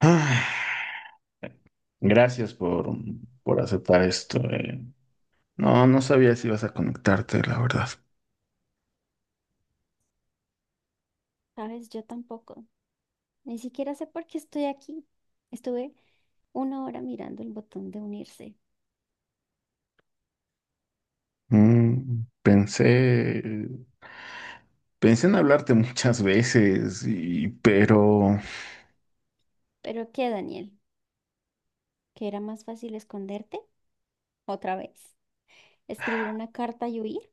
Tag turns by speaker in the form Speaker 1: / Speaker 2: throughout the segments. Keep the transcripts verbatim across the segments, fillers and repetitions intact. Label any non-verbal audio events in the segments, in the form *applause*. Speaker 1: Ah, Gracias por, por aceptar esto. eh. No, no sabía si ibas a conectarte, la verdad.
Speaker 2: Sabes, yo tampoco. Ni siquiera sé por qué estoy aquí. Estuve una hora mirando el botón de unirse.
Speaker 1: Mm, pensé, Pensé en hablarte muchas veces, y, pero
Speaker 2: ¿Pero qué, Daniel? ¿Que era más fácil esconderte? ¿Otra vez? ¿Escribir una carta y huir?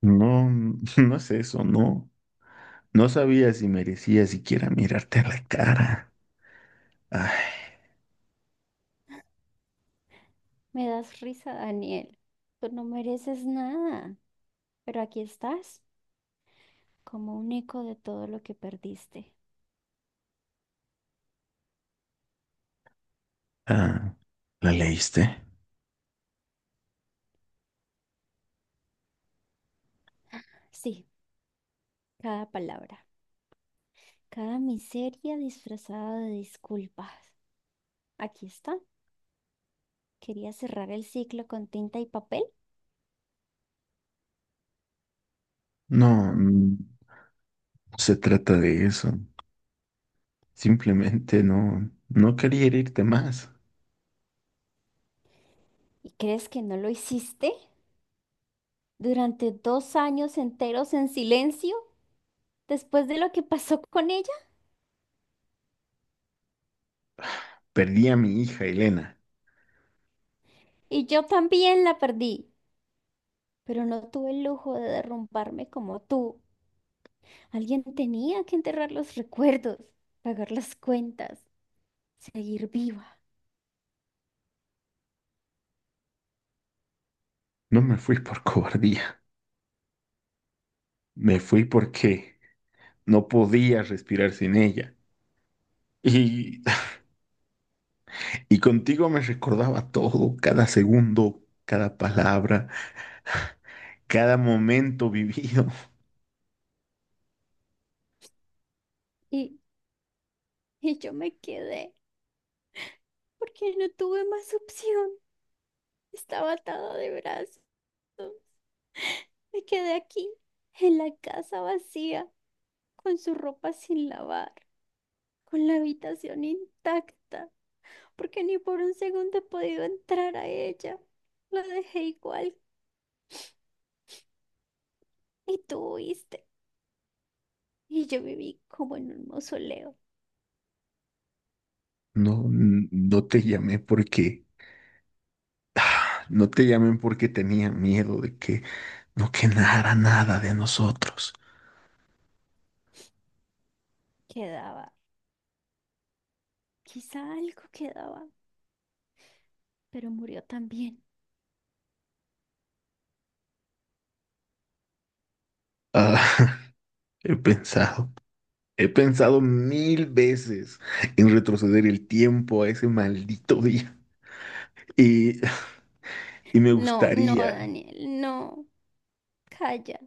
Speaker 1: no, no es eso, no. No sabía si merecía siquiera mirarte a la cara. Ay,
Speaker 2: Me das risa, Daniel. Tú no mereces nada. Pero aquí estás, como un eco de todo lo que perdiste.
Speaker 1: ah, ¿La leíste?
Speaker 2: Sí, cada palabra, cada miseria disfrazada de disculpas. Aquí está. Quería cerrar el ciclo con tinta y papel.
Speaker 1: No, mm, no se trata de eso. Simplemente no, no quería herirte más.
Speaker 2: ¿Y crees que no lo hiciste? Durante dos años enteros en silencio después de lo que pasó *laughs* con ella
Speaker 1: Perdí a mi hija, Elena.
Speaker 2: y yo también la perdí, pero no tuve el lujo de derrumbarme como tú. Alguien tenía que enterrar los recuerdos, pagar las cuentas, seguir viva
Speaker 1: No me fui por *laughs* cobardía, me fui porque no podía respirar sin ella. Y, y contigo me recordaba todo, cada segundo, cada palabra, *laughs* cada momento vivido. *laughs*
Speaker 2: y, y yo me quedé porque no tuve más opción. Estaba atada de brazos. Me quedé aquí, en la casa vacía, con su ropa sin lavar, con la habitación intacta, porque ni por un segundo he podido entrar a ella. La dejé igual y tú huiste. Y yo viví como en un mausoleo.
Speaker 1: No, no te llamé porque, *sighs* ah, no te llamé porque tenía miedo de que no quedara nada de nosotros.
Speaker 2: Quedaba, quizá algo quedaba, pero murió también.
Speaker 1: Ah, *laughs* he pensado, He pensado mil veces en retroceder el tiempo a ese maldito día. Y Y me
Speaker 2: No, no,
Speaker 1: gustaría.
Speaker 2: Daniel, no. Calla,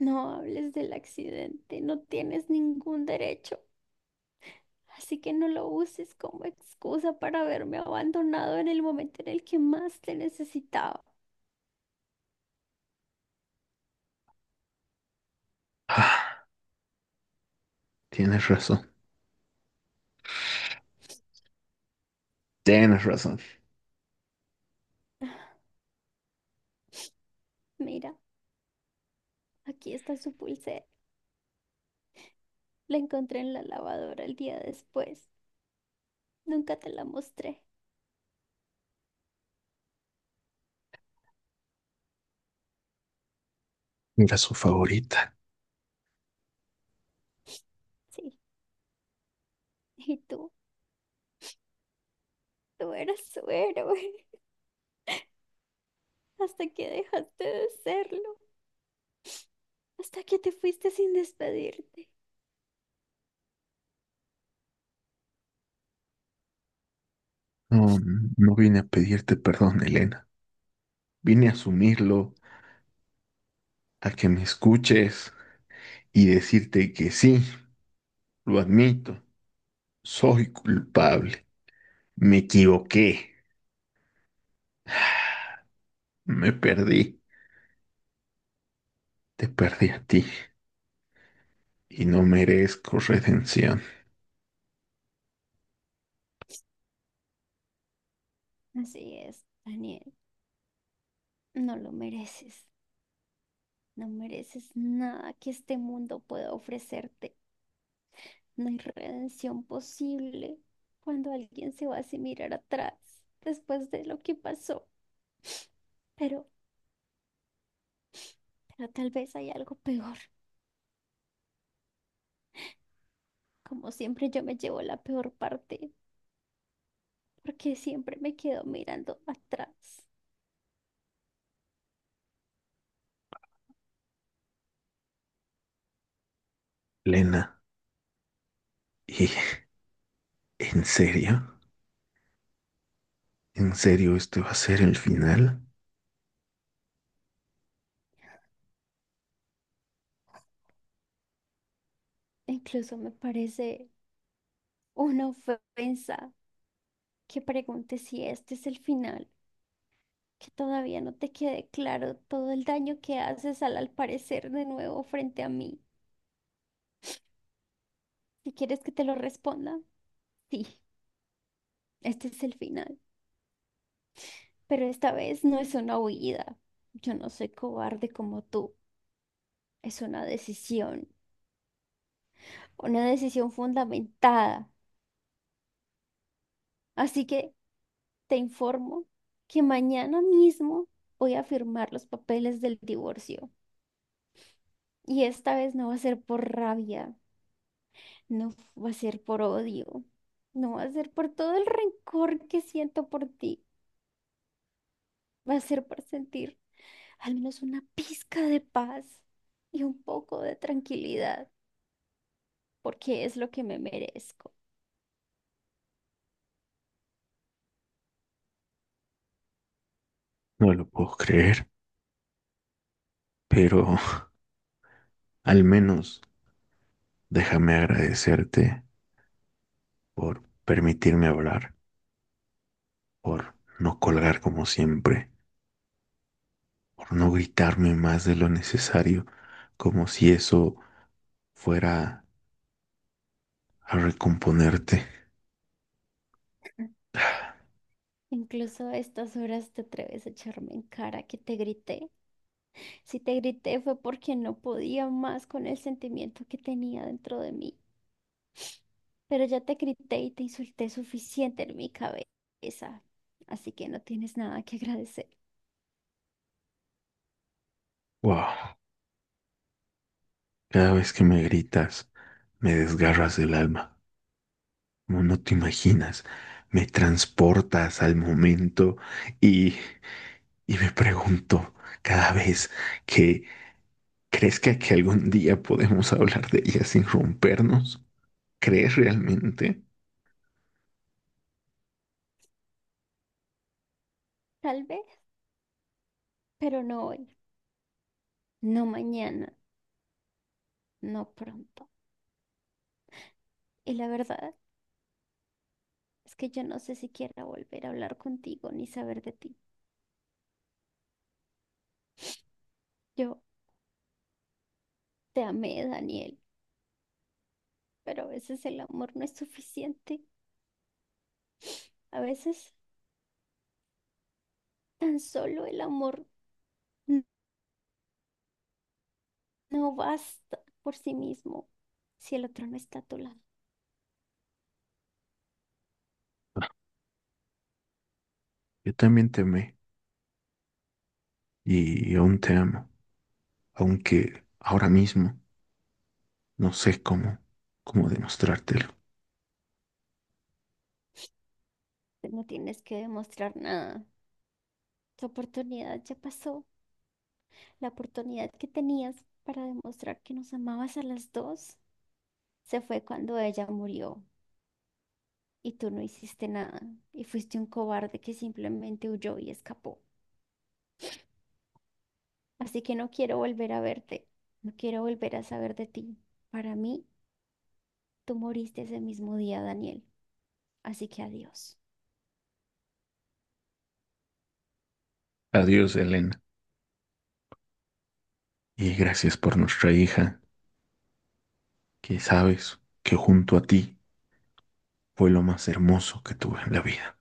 Speaker 2: no hables del accidente, no tienes ningún derecho. Así que no lo uses como excusa para haberme abandonado en el momento en el que más te necesitaba.
Speaker 1: Ah, Tienes razón. Tienes razón.
Speaker 2: Mira. Aquí está su pulsera. La encontré en la lavadora el día después. Nunca te la mostré.
Speaker 1: Era su favorita.
Speaker 2: Sí. Y tú, tú eras su héroe. *laughs* Hasta que dejaste de serlo. Hasta que te fuiste sin despedirte.
Speaker 1: No, no vine a pedirte perdón, Elena. Vine a asumirlo, a que me escuches y decirte que sí, lo admito. Soy culpable. Me equivoqué. *sighs* Me perdí. Te perdí a ti. Y no merezco redención.
Speaker 2: Así es, Daniel. No lo mereces. No mereces nada que este mundo pueda ofrecerte. No hay redención posible cuando alguien se va sin mirar atrás después de lo que pasó. Pero, pero tal vez hay algo peor. Como siempre, yo me llevo la peor parte porque siempre me quedo mirando atrás.
Speaker 1: Elena, ¿y en serio? ¿En serio este va a ser el final?
Speaker 2: Incluso me parece una ofensa que pregunte si este es el final, que todavía no te quede claro todo el daño que haces al al parecer de nuevo frente a mí. Si quieres que te lo responda, sí, este es el final. Pero esta vez no es una huida. Yo no soy cobarde como tú. Es una decisión, una decisión fundamentada. Así que... Te informo que mañana mismo voy a firmar los papeles del divorcio. Y esta vez no va a ser por rabia, no va a ser por odio, no va a ser por todo el rencor que siento por ti, va a ser por sentir al menos una pizca de paz y un poco de tranquilidad, porque es lo que me merezco.
Speaker 1: No lo puedo creer, pero al menos déjame agradecerte por permitirme hablar, por no colgar como siempre, por no gritarme más de lo necesario, como si eso fuera a recomponerte.
Speaker 2: Incluso a estas horas te atreves a echarme en cara que te grité. Si te grité fue porque no podía más con el sentimiento que tenía dentro de mí, pero ya te grité y te insulté suficiente en mi cabeza, así que no tienes nada que agradecer.
Speaker 1: Wow, cada vez que me gritas, me desgarras del alma. Como no te imaginas, me transportas al momento y, y me pregunto cada vez que ¿crees que, que algún día podemos hablar de ella sin rompernos? ¿Crees realmente?
Speaker 2: Tal vez, pero no hoy, no mañana, no pronto. Y la verdad es que yo no sé si quiera volver a hablar contigo ni saber de ti. Yo te amé, Daniel, pero a veces el amor no es suficiente, a veces tan solo el amor. No basta por sí mismo si el otro no está a tu lado.
Speaker 1: Yo también te amé y aún te amo, aunque ahora mismo no sé cómo, cómo demostrártelo.
Speaker 2: Pues no tienes que demostrar nada. Tu oportunidad ya pasó. La oportunidad que tenías para demostrar que nos amabas a las dos se fue cuando ella murió y tú no hiciste nada y fuiste un cobarde que simplemente huyó y escapó. Así que no quiero volver a verte. No quiero volver a saber de ti. Para mí, tú moriste ese mismo día, Daniel. Así que adiós.
Speaker 1: Adiós, Elena, y gracias por nuestra hija, que sabes que junto a ti fue lo más hermoso que tuve en la vida.